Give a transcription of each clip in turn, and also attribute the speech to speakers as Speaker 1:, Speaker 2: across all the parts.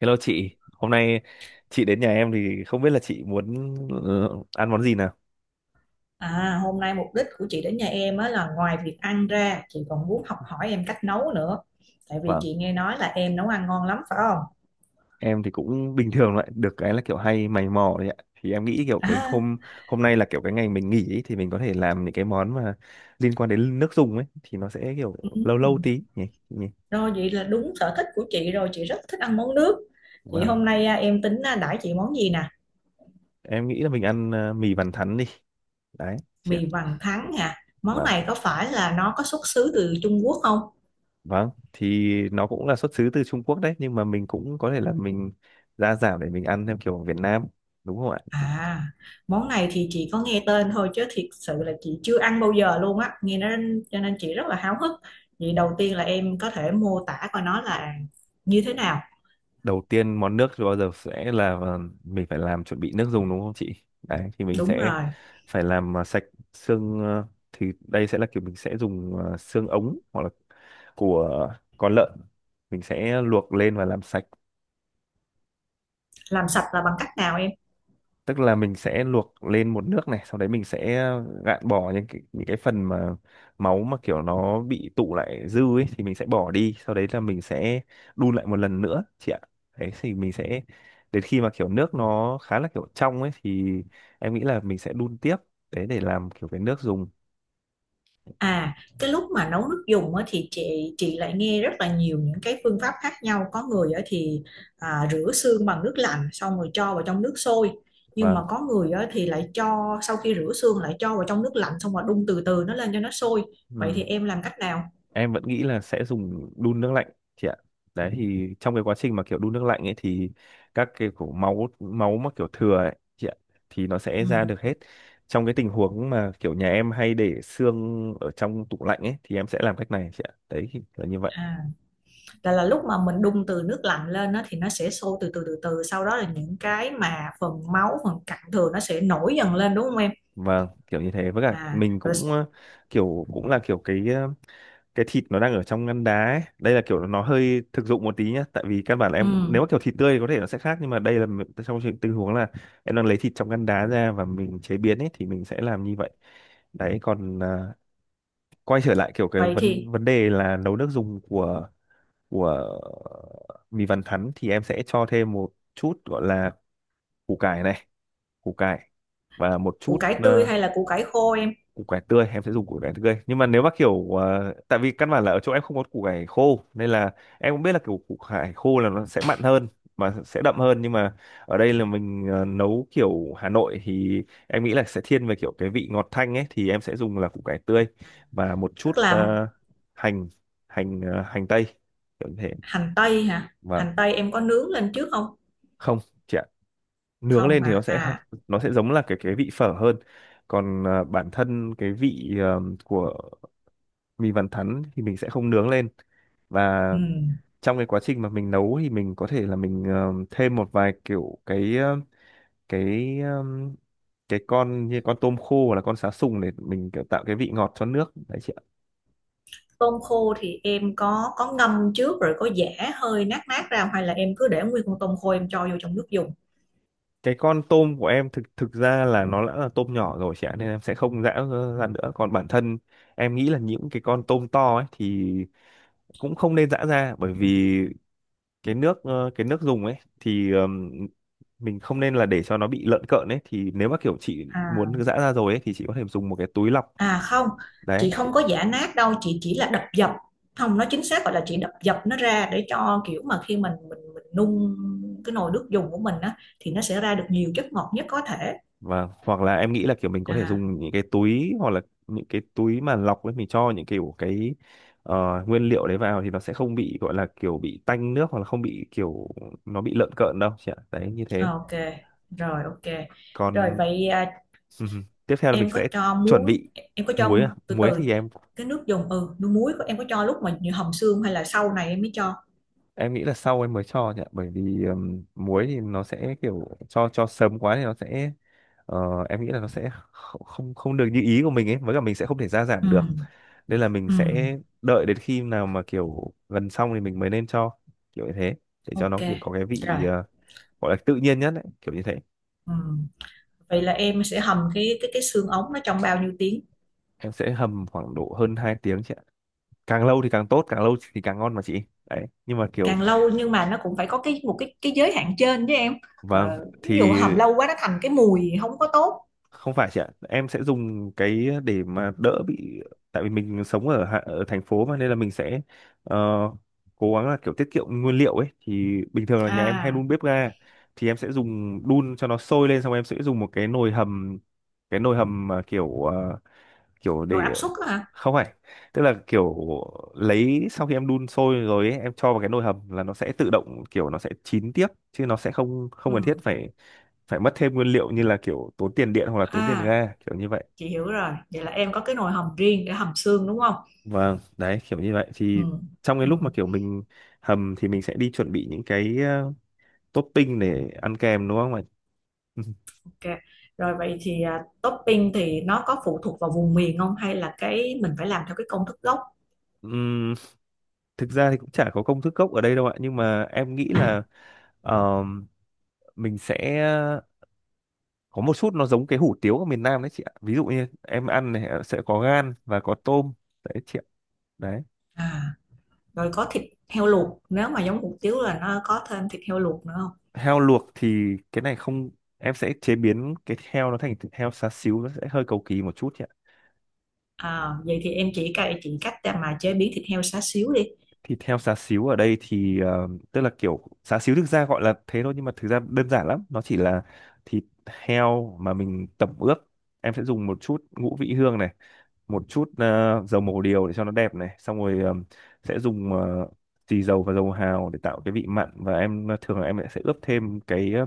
Speaker 1: Hello chị, hôm nay chị đến nhà em thì không biết là chị muốn ăn món gì nào?
Speaker 2: À, hôm nay mục đích của chị đến nhà em á là ngoài việc ăn ra, chị còn muốn học hỏi em cách nấu nữa. Tại vì
Speaker 1: Vâng,
Speaker 2: chị nghe nói là em nấu ăn ngon lắm phải không?
Speaker 1: em thì cũng bình thường lại được cái là kiểu hay mày mò đấy ạ. Thì em nghĩ kiểu cái
Speaker 2: À,
Speaker 1: hôm hôm nay là kiểu cái ngày mình nghỉ ấy, thì mình có thể làm những cái món mà liên quan đến nước dùng ấy thì nó sẽ kiểu
Speaker 2: ừ.
Speaker 1: lâu lâu tí nhỉ. nhỉ.
Speaker 2: Rồi vậy là đúng sở thích của chị rồi, chị rất thích ăn món nước. Thì hôm
Speaker 1: Vâng,
Speaker 2: nay em tính đãi chị món gì nè?
Speaker 1: em nghĩ là mình ăn mì bàn thắn đi. Đấy, chị ạ.
Speaker 2: Mì vằn thắng nè. Món
Speaker 1: Vâng,
Speaker 2: này có phải là nó có xuất xứ từ Trung Quốc không?
Speaker 1: vâng, thì nó cũng là xuất xứ từ Trung Quốc đấy nhưng mà mình cũng có thể là mình gia giảm để mình ăn theo kiểu Việt Nam đúng không ạ?
Speaker 2: À, món này thì chị có nghe tên thôi chứ thiệt sự là chị chưa ăn bao giờ luôn á, nghe nó cho nên chị rất là háo hức. Vậy đầu tiên là em có thể mô tả coi nó là như thế nào?
Speaker 1: Đầu tiên món nước thì bao giờ sẽ là mình phải làm chuẩn bị nước dùng đúng không chị, đấy thì mình
Speaker 2: Đúng
Speaker 1: sẽ
Speaker 2: rồi,
Speaker 1: phải làm sạch xương thì đây sẽ là kiểu mình sẽ dùng xương ống hoặc là của con lợn, mình sẽ luộc lên và làm sạch.
Speaker 2: làm sạch là bằng cách nào em?
Speaker 1: Tức là mình sẽ luộc lên một nước này, sau đấy mình sẽ gạn bỏ những cái phần mà máu mà kiểu nó bị tụ lại dư ấy thì mình sẽ bỏ đi, sau đấy là mình sẽ đun lại một lần nữa chị ạ. Đấy thì mình sẽ đến khi mà kiểu nước nó khá là kiểu trong ấy thì em nghĩ là mình sẽ đun tiếp đấy để làm kiểu cái nước dùng.
Speaker 2: À, cái lúc mà nấu nước dùng á thì chị lại nghe rất là nhiều những cái phương pháp khác nhau. Có người á thì rửa xương bằng nước lạnh xong rồi cho vào trong nước sôi. Nhưng mà
Speaker 1: Vâng.
Speaker 2: có người á thì lại cho sau khi rửa xương lại cho vào trong nước lạnh xong rồi đun từ từ nó lên cho nó sôi. Vậy
Speaker 1: Ừ.
Speaker 2: thì em làm cách nào?
Speaker 1: Em vẫn nghĩ là sẽ dùng đun nước lạnh chị ạ, đấy thì trong cái quá trình mà kiểu đun nước lạnh ấy thì các cái kiểu máu máu mà kiểu thừa ấy chị ạ thì nó sẽ
Speaker 2: Ừ.
Speaker 1: ra được hết. Trong cái tình huống mà kiểu nhà em hay để xương ở trong tủ lạnh ấy thì em sẽ làm cách này chị ạ, đấy thì là như vậy.
Speaker 2: À, là lúc mà mình đun từ nước lạnh lên á, thì nó sẽ sôi từ từ từ từ sau đó là những cái mà phần máu phần cặn thừa nó sẽ nổi dần lên đúng không em?
Speaker 1: Vâng, kiểu như thế, với cả
Speaker 2: à
Speaker 1: mình
Speaker 2: rồi
Speaker 1: cũng
Speaker 2: s-
Speaker 1: kiểu cũng là kiểu cái cái thịt nó đang ở trong ngăn đá ấy. Đây là kiểu nó hơi thực dụng một tí nhá, tại vì căn bản là
Speaker 2: ừ.
Speaker 1: nếu mà kiểu thịt tươi thì có thể nó sẽ khác, nhưng mà đây là m- trong trường- tình huống là em đang lấy thịt trong ngăn đá ra và mình chế biến ấy thì mình sẽ làm như vậy. Đấy còn à, quay trở lại kiểu cái
Speaker 2: Vậy thì
Speaker 1: vấn vấn đề là nấu nước dùng của mì vằn thắn thì em sẽ cho thêm một chút gọi là củ cải này, củ cải và một chút
Speaker 2: củ cải tươi hay là củ cải khô em?
Speaker 1: củ cải tươi. Em sẽ dùng củ cải tươi nhưng mà nếu mà kiểu tại vì căn bản là ở chỗ em không có củ cải khô nên là em cũng biết là kiểu củ cải khô là nó sẽ mặn hơn mà sẽ đậm hơn, nhưng mà ở đây là mình nấu kiểu Hà Nội thì em nghĩ là sẽ thiên về kiểu cái vị ngọt thanh ấy thì em sẽ dùng là củ cải tươi. Và một
Speaker 2: Tức
Speaker 1: chút
Speaker 2: là
Speaker 1: hành hành ờ, hành tây, kiểu như thế.
Speaker 2: hành tây hả,
Speaker 1: Và
Speaker 2: hành tây em có nướng lên trước không?
Speaker 1: không chị ạ, nướng
Speaker 2: Không
Speaker 1: lên thì
Speaker 2: hả?
Speaker 1: nó sẽ
Speaker 2: À,
Speaker 1: nó sẽ giống là cái vị phở hơn. Còn à, bản thân cái vị à, của mình vẫn thắn thì mình sẽ không nướng lên. Và
Speaker 2: ừ.
Speaker 1: trong cái quá trình mà mình nấu thì mình có thể là mình thêm một vài kiểu cái ờ, cái con như con tôm khô hoặc là con sá sùng để mình kiểu tạo cái vị ngọt cho nước đấy chị ạ.
Speaker 2: Tôm khô thì em có ngâm trước rồi có giã hơi nát nát ra không? Hay là em cứ để nguyên con tôm khô em cho vô trong nước dùng?
Speaker 1: Cái con tôm của em thực thực ra là nó đã là tôm nhỏ rồi chị ạ nên em sẽ không giã ra nữa. Còn bản thân em nghĩ là những cái con tôm to ấy thì cũng không nên giã ra, bởi vì cái nước dùng ấy thì mình không nên là để cho nó bị lợn cợn ấy. Thì nếu mà kiểu chị
Speaker 2: À,
Speaker 1: muốn giã ra rồi ấy thì chị có thể dùng một cái túi lọc
Speaker 2: À không,
Speaker 1: đấy.
Speaker 2: chị không có giã nát đâu, chị chỉ là đập dập. Không, nó chính xác gọi là chị đập dập nó ra để cho kiểu mà khi mình nung cái nồi nước dùng của mình á thì nó sẽ ra được nhiều chất ngọt nhất có thể.
Speaker 1: Và hoặc là em nghĩ là kiểu mình có thể
Speaker 2: À,
Speaker 1: dùng những cái túi, hoặc là những cái túi mà lọc ấy, mình cho những kiểu cái ờ, nguyên liệu đấy vào thì nó sẽ không bị gọi là kiểu bị tanh nước hoặc là không bị kiểu nó bị lợn cợn đâu chị ạ, đấy như
Speaker 2: à,
Speaker 1: thế.
Speaker 2: ok. Rồi ok. Rồi
Speaker 1: Còn
Speaker 2: vậy à,
Speaker 1: tiếp theo là mình
Speaker 2: em có
Speaker 1: sẽ
Speaker 2: cho
Speaker 1: chuẩn
Speaker 2: muối,
Speaker 1: bị
Speaker 2: em có cho
Speaker 1: muối. À,
Speaker 2: từ
Speaker 1: muối
Speaker 2: từ
Speaker 1: thì em
Speaker 2: cái nước dùng ừ, nước muối của em có cho lúc mà như hầm xương hay là sau này em mới cho.
Speaker 1: em nghĩ là sau em mới cho nhỉ, bởi vì muối thì nó sẽ kiểu cho sớm quá thì nó sẽ em nghĩ là nó sẽ kh- không không được như ý của mình ấy, với cả mình sẽ không thể gia
Speaker 2: Ừ,
Speaker 1: giảm được, nên là mình
Speaker 2: ừ,
Speaker 1: sẽ đợi đến khi nào mà kiểu gần xong thì mình mới nên cho, kiểu như thế, để cho
Speaker 2: ok.
Speaker 1: nó kiểu có cái
Speaker 2: Rồi.
Speaker 1: vị gọi là tự nhiên nhất ấy, kiểu như thế.
Speaker 2: Ừ. Vậy là em sẽ hầm cái xương ống nó trong bao nhiêu tiếng?
Speaker 1: Em sẽ hầm khoảng độ hơn 2 tiếng chị ạ, càng lâu thì càng tốt, càng lâu thì càng ngon mà chị. Đấy nhưng mà kiểu
Speaker 2: Càng lâu nhưng mà nó cũng phải có cái một cái giới hạn trên chứ em. Ờ,
Speaker 1: vâng
Speaker 2: ví dụ
Speaker 1: thì
Speaker 2: hầm lâu quá nó thành cái mùi không có tốt.
Speaker 1: không phải chị ạ, em sẽ dùng cái để mà đỡ bị, tại vì mình sống ở thành phố mà nên là mình sẽ ờ, cố gắng là kiểu tiết kiệm nguyên liệu ấy thì bình thường là nhà em hay
Speaker 2: À
Speaker 1: đun bếp ga, thì em sẽ dùng đun cho nó sôi lên, xong em sẽ dùng một cái nồi hầm, cái nồi hầm mà kiểu kiểu
Speaker 2: nồi
Speaker 1: để
Speaker 2: áp suất á hả?
Speaker 1: không phải, tức là kiểu lấy sau khi em đun sôi rồi ấy, em cho vào cái nồi hầm là nó sẽ tự động kiểu nó sẽ chín tiếp chứ nó sẽ không không
Speaker 2: Ừ.
Speaker 1: cần thiết phải phải mất thêm nguyên liệu như là kiểu tốn tiền điện hoặc là tốn tiền
Speaker 2: À,
Speaker 1: ga kiểu như vậy.
Speaker 2: chị hiểu rồi, vậy là em có cái nồi hầm riêng để hầm xương đúng không?
Speaker 1: Vâng, đấy kiểu như vậy
Speaker 2: Ừ.
Speaker 1: thì trong cái
Speaker 2: Ừ.
Speaker 1: lúc mà kiểu mình hầm thì mình sẽ đi chuẩn bị những cái topping để ăn kèm đúng không ạ?
Speaker 2: Ok, rồi vậy thì à, topping thì nó có phụ thuộc vào vùng miền không hay là cái mình phải làm theo cái công thức gốc?
Speaker 1: Ừm, thực ra thì cũng chả có công thức gốc ở đây đâu ạ, nhưng mà em nghĩ là ờm, mình sẽ có một chút nó giống cái hủ tiếu ở miền Nam đấy chị ạ, ví dụ như em ăn này sẽ có gan và có tôm, đấy chị ạ, đấy.
Speaker 2: À rồi có thịt heo luộc, nếu mà giống hủ tiếu là nó có thêm thịt heo luộc nữa không?
Speaker 1: Heo luộc thì cái này không, em sẽ chế biến cái heo nó thành thịt heo xá xíu, nó sẽ hơi cầu kỳ một chút nhỉ.
Speaker 2: À, vậy thì em chỉ cậy chị cách để mà chế biến thịt heo xá xíu đi.
Speaker 1: Thịt heo xá xíu ở đây thì tức là kiểu xá xíu thực ra gọi là thế thôi, nhưng mà thực ra đơn giản lắm, nó chỉ là thịt heo mà mình tẩm ướp. Em sẽ dùng một chút ngũ vị hương này, một chút dầu màu điều để cho nó đẹp này, xong rồi sẽ dùng xì dầu và dầu hào để tạo cái vị mặn, và em thường là em sẽ ướp thêm cái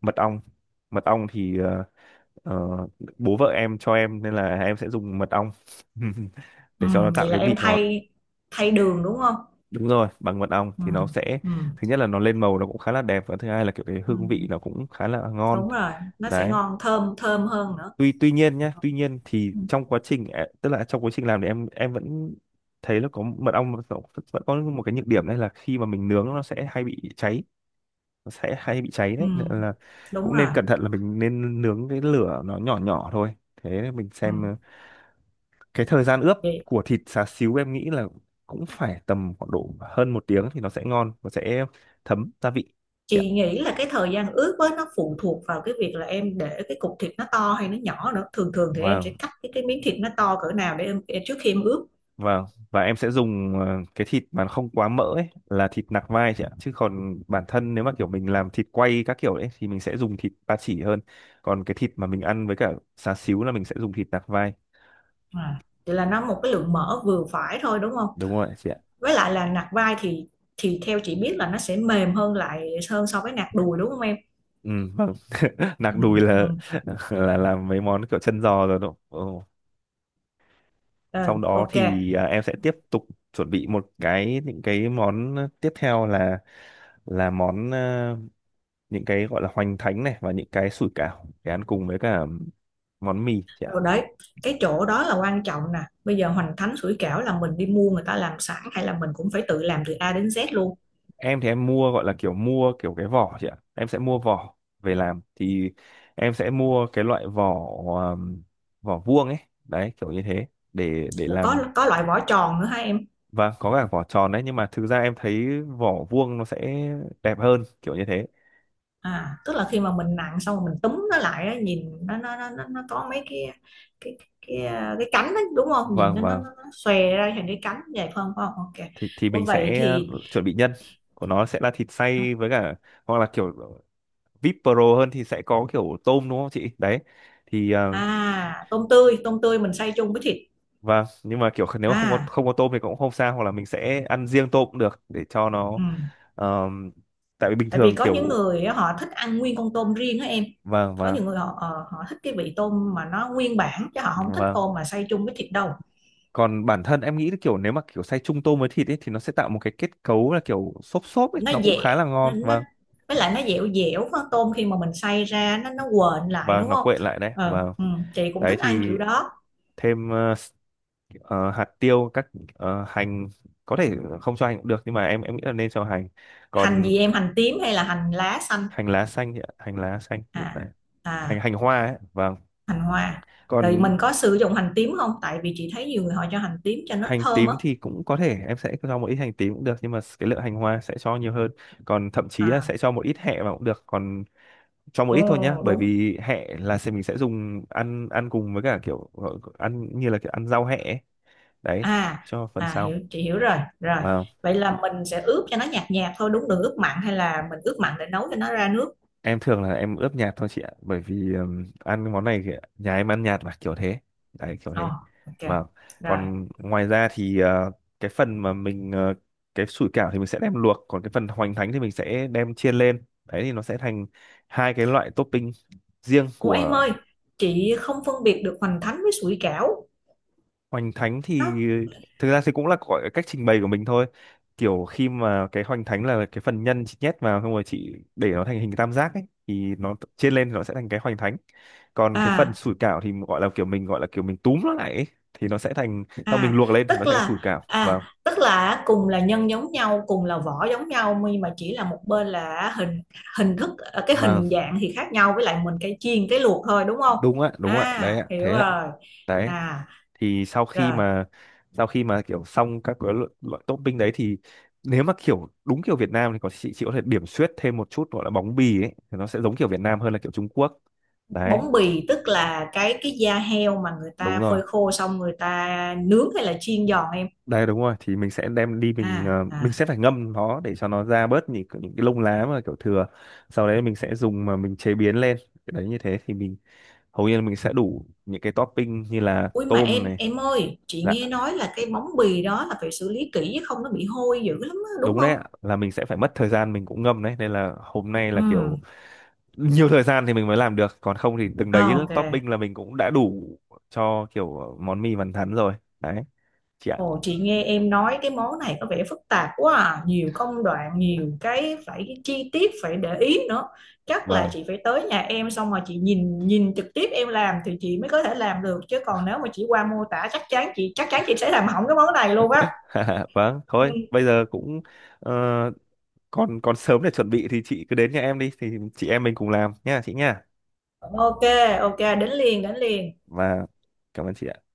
Speaker 1: mật ong. Mật ong thì Ờ, bố vợ em cho em nên là em sẽ dùng mật ong
Speaker 2: Ừ,
Speaker 1: để cho nó tạo
Speaker 2: vậy là
Speaker 1: cái
Speaker 2: em
Speaker 1: vị ngọt.
Speaker 2: thay thay đường đúng không?
Speaker 1: Đúng rồi, bằng mật ong
Speaker 2: Ừ,
Speaker 1: thì nó sẽ,
Speaker 2: ừ,
Speaker 1: thứ nhất là nó lên màu nó cũng khá là đẹp, và thứ hai là kiểu cái
Speaker 2: ừ,
Speaker 1: hương vị nó cũng khá là ngon.
Speaker 2: đúng rồi, nó sẽ
Speaker 1: Đấy,
Speaker 2: ngon thơm thơm hơn nữa.
Speaker 1: tuy tuy nhiên nhá tuy nhiên thì
Speaker 2: Ừ,
Speaker 1: trong quá trình à, tức là trong quá trình làm thì em vẫn thấy là có mật ong nó vẫn có một cái nhược điểm, đấy là khi mà mình nướng nó sẽ hay bị cháy, nó sẽ hay bị cháy,
Speaker 2: ừ,
Speaker 1: đấy nên là
Speaker 2: đúng
Speaker 1: cũng
Speaker 2: rồi.
Speaker 1: nên cẩn thận là mình nên nướng cái lửa nó nhỏ nhỏ thôi. Thế mình
Speaker 2: Ừ.
Speaker 1: xem cái thời gian ướp
Speaker 2: Vậy
Speaker 1: của thịt xá xíu em nghĩ là cũng phải tầm khoảng độ hơn 1 tiếng thì nó sẽ ngon và sẽ thấm gia vị chị ạ.
Speaker 2: chị nghĩ là cái thời gian ướp với nó phụ thuộc vào cái việc là em để cái cục thịt nó to hay nó nhỏ nữa. Thường thường thì em
Speaker 1: và
Speaker 2: sẽ cắt cái miếng thịt nó to cỡ nào để em trước khi em ướp.
Speaker 1: và và em sẽ dùng cái thịt mà nó không quá mỡ ấy là thịt nạc vai chị ạ, chứ còn bản thân nếu mà kiểu mình làm thịt quay các kiểu đấy thì mình sẽ dùng thịt ba chỉ hơn, còn cái thịt mà mình ăn với cả xá xíu là mình sẽ dùng thịt nạc vai.
Speaker 2: À. Vậy là nó một cái lượng mỡ vừa phải thôi đúng không?
Speaker 1: Đúng rồi chị ạ.
Speaker 2: Với lại là nạc vai thì theo chị biết là nó sẽ mềm hơn lại hơn so với nạc đùi đúng không em?
Speaker 1: Ừ, vâng nạc
Speaker 2: Ừ,
Speaker 1: đùi
Speaker 2: ừ.
Speaker 1: là làm mấy món kiểu chân giò rồi đúng không? Ừ, sau
Speaker 2: Ờ,
Speaker 1: đó
Speaker 2: ok
Speaker 1: thì em sẽ tiếp tục chuẩn bị một cái những cái món tiếp theo là là món à, những cái gọi là hoành thánh này và những cái sủi cảo để ăn cùng với cả món mì chị ạ.
Speaker 2: rồi đấy, cái chỗ đó là quan trọng nè. Bây giờ hoành thánh sủi cảo là mình đi mua người ta làm sẵn hay là mình cũng phải tự làm từ A đến Z luôn?
Speaker 1: Em thì em mua, gọi là kiểu mua kiểu cái vỏ chị ạ, em sẽ mua vỏ về làm thì em sẽ mua cái loại vỏ, um, vỏ vuông ấy, đấy kiểu như thế, để
Speaker 2: Ủa,
Speaker 1: làm.
Speaker 2: có loại vỏ tròn nữa hả em?
Speaker 1: Và có cả vỏ tròn đấy, nhưng mà thực ra em thấy vỏ vuông nó sẽ đẹp hơn, kiểu như thế.
Speaker 2: À tức là khi mà mình nặn xong rồi mình túm nó lại á, nhìn nó có mấy cái cái cái cái, cái cánh đó, đúng không, nhìn
Speaker 1: Vâng,
Speaker 2: nó nó
Speaker 1: và
Speaker 2: nó nó xòe ra thành cái cánh vậy phải không, phải không? Ok.
Speaker 1: thì
Speaker 2: Ủa
Speaker 1: mình
Speaker 2: vậy
Speaker 1: sẽ
Speaker 2: thì
Speaker 1: chuẩn bị nhân của nó sẽ là thịt xay với cả, hoặc là kiểu VIP Pro hơn thì sẽ có kiểu tôm, đúng không chị? Đấy thì
Speaker 2: à, tôm tươi, tôm tươi mình xay chung với thịt?
Speaker 1: vâng, nhưng mà kiểu nếu mà không có
Speaker 2: À,
Speaker 1: không có tôm thì cũng không sao, hoặc là mình sẽ ăn riêng tôm cũng được, để cho nó
Speaker 2: ừ.
Speaker 1: ờm, tại vì bình
Speaker 2: Tại vì
Speaker 1: thường
Speaker 2: có những
Speaker 1: kiểu,
Speaker 2: người họ thích ăn nguyên con tôm riêng đó em.
Speaker 1: vâng
Speaker 2: Có
Speaker 1: vâng
Speaker 2: những người họ họ thích cái vị tôm mà nó nguyên bản chứ họ không thích
Speaker 1: vâng.
Speaker 2: tôm mà xay chung với thịt đâu.
Speaker 1: Còn bản thân em nghĩ là kiểu nếu mà kiểu xay chung tôm với thịt ấy thì nó sẽ tạo một cái kết cấu là kiểu xốp xốp ấy, nó cũng khá là
Speaker 2: Nó,
Speaker 1: ngon.
Speaker 2: nó
Speaker 1: Vâng,
Speaker 2: với lại
Speaker 1: cũng-
Speaker 2: nó dẻo dẻo con tôm khi mà mình xay ra nó quện lại
Speaker 1: vâng,
Speaker 2: đúng
Speaker 1: nó
Speaker 2: không?
Speaker 1: quện lại đấy,
Speaker 2: Ờ
Speaker 1: vâng.
Speaker 2: ừ, chị cũng
Speaker 1: Đấy
Speaker 2: thích ăn kiểu
Speaker 1: thì
Speaker 2: đó.
Speaker 1: thêm hạt tiêu, các hành, có thể không cho hành cũng được, nhưng mà em nghĩ là nên cho hành.
Speaker 2: Hành
Speaker 1: Còn
Speaker 2: gì em, hành tím hay là hành lá xanh?
Speaker 1: hành lá xanh thì- hành lá xanh
Speaker 2: À,
Speaker 1: này, hành
Speaker 2: à,
Speaker 1: hành hoa ấy, vâng.
Speaker 2: hành hoa. Rồi
Speaker 1: Còn
Speaker 2: mình có sử dụng hành tím không, tại vì chị thấy nhiều người họ cho hành tím cho nó
Speaker 1: hành
Speaker 2: thơm á?
Speaker 1: tím thì cũng có thể em sẽ cho một ít hành tím cũng được, nhưng mà cái lượng hành hoa sẽ cho nhiều hơn. Còn thậm chí là
Speaker 2: À,
Speaker 1: sẽ cho một ít hẹ vào cũng được, còn cho một ít thôi nhá,
Speaker 2: ồ,
Speaker 1: bởi
Speaker 2: đúng.
Speaker 1: vì hẹ là sẽ mình sẽ dùng ăn, ăn cùng với cả kiểu gọi- ăn như là kiểu ăn rau hẹ ấy. Đấy,
Speaker 2: À,
Speaker 1: cho phần
Speaker 2: à,
Speaker 1: sau.
Speaker 2: hiểu, chị hiểu rồi, rồi
Speaker 1: Vâng,
Speaker 2: vậy là mình sẽ ướp cho nó nhạt nhạt thôi đúng, đừng ướp mặn, hay là mình ướp mặn để nấu cho nó ra nước?
Speaker 1: em thường là em ướp nhạt thôi chị ạ, bởi vì ăn món này thì nhà em ăn nhạt mà, kiểu thế, đấy kiểu
Speaker 2: Ồ,
Speaker 1: thế.
Speaker 2: ok.
Speaker 1: Và
Speaker 2: Rồi.
Speaker 1: còn ngoài ra thì cái phần mà mình cái sủi cảo thì mình sẽ đem luộc, còn cái phần hoành thánh thì mình sẽ đem chiên lên, đấy thì nó sẽ thành hai cái loại topping riêng
Speaker 2: Ủa em
Speaker 1: của.
Speaker 2: ơi, chị không phân biệt được hoành thánh với sủi cảo.
Speaker 1: Hoành thánh thì
Speaker 2: Nó
Speaker 1: thực ra thì cũng là gọi cách trình bày của mình thôi, kiểu khi mà cái hoành thánh là cái phần nhân chị nhét vào xong rồi chị để nó thành hình tam giác ấy thì nó chiên lên thì nó sẽ thành cái hoành thánh. Còn cái phần
Speaker 2: à,
Speaker 1: sủi cảo thì gọi là kiểu mình, gọi là kiểu mình túm nó lại ấy, thì nó sẽ thành, sau mình
Speaker 2: à
Speaker 1: luộc lên thì nó
Speaker 2: tức
Speaker 1: sẽ thành sủi
Speaker 2: là
Speaker 1: cảo, vâng.
Speaker 2: à, tức là cùng là nhân giống nhau, cùng là vỏ giống nhau, nhưng mà chỉ là một bên là hình hình thức cái
Speaker 1: Vâng,
Speaker 2: hình dạng thì khác nhau, với lại mình cái chiên cái luộc thôi đúng không?
Speaker 1: đúng ạ, đúng ạ, đấy
Speaker 2: À
Speaker 1: ạ,
Speaker 2: hiểu
Speaker 1: thế ạ.
Speaker 2: rồi.
Speaker 1: Đấy
Speaker 2: À
Speaker 1: thì sau khi
Speaker 2: rồi,
Speaker 1: mà, sau khi mà kiểu xong các cái loại topping đấy thì, nếu mà kiểu đúng kiểu Việt Nam thì có, chị có thể điểm xuyết thêm một chút, gọi là bóng bì ấy, thì nó sẽ giống kiểu Việt Nam hơn là kiểu Trung Quốc. Đấy,
Speaker 2: bóng bì tức là cái da heo mà người
Speaker 1: đúng
Speaker 2: ta
Speaker 1: rồi.
Speaker 2: phơi khô xong người ta nướng hay là chiên giòn em?
Speaker 1: Đây đúng rồi, thì mình sẽ đem đi mình
Speaker 2: À,
Speaker 1: mình
Speaker 2: à,
Speaker 1: sẽ phải ngâm nó để cho nó ra bớt những cái lông lá mà kiểu thừa. Sau đấy mình sẽ dùng mà mình chế biến lên. Đấy như thế thì mình hầu như là mình sẽ đủ những cái topping như là
Speaker 2: ui, mà
Speaker 1: tôm này.
Speaker 2: em ơi, chị
Speaker 1: Dạ,
Speaker 2: nghe nói là cái bóng bì đó là phải xử lý kỹ chứ không nó bị hôi dữ lắm á, đúng
Speaker 1: đúng đấy
Speaker 2: không?
Speaker 1: ạ, là mình sẽ phải mất thời gian, mình cũng ngâm đấy, nên là hôm nay
Speaker 2: Ừ.
Speaker 1: là kiểu nhiều thời gian thì mình mới làm được, còn không thì từng đấy
Speaker 2: À, ok.
Speaker 1: topping là mình cũng đã đủ cho kiểu món mì vằn thắn rồi. Đấy, chị ạ.
Speaker 2: Ồ, chị nghe em nói cái món này có vẻ phức tạp quá à. Nhiều công đoạn, nhiều cái phải chi tiết phải để ý nữa. Chắc là
Speaker 1: Vâng.
Speaker 2: chị phải tới nhà em xong rồi chị nhìn nhìn trực tiếp em làm thì chị mới có thể làm được chứ còn nếu mà chỉ qua mô tả chắc chắn chị, chắc chắn chị sẽ làm hỏng cái món này luôn á.
Speaker 1: Vâng,
Speaker 2: Ừ.
Speaker 1: thôi, bây giờ cũng ờ, còn còn sớm để chuẩn bị, thì chị cứ đến nhà em đi thì chị em mình cùng làm nha chị nha.
Speaker 2: Ok, ok, đến liền, đến liền.
Speaker 1: Và cảm ơn chị ạ.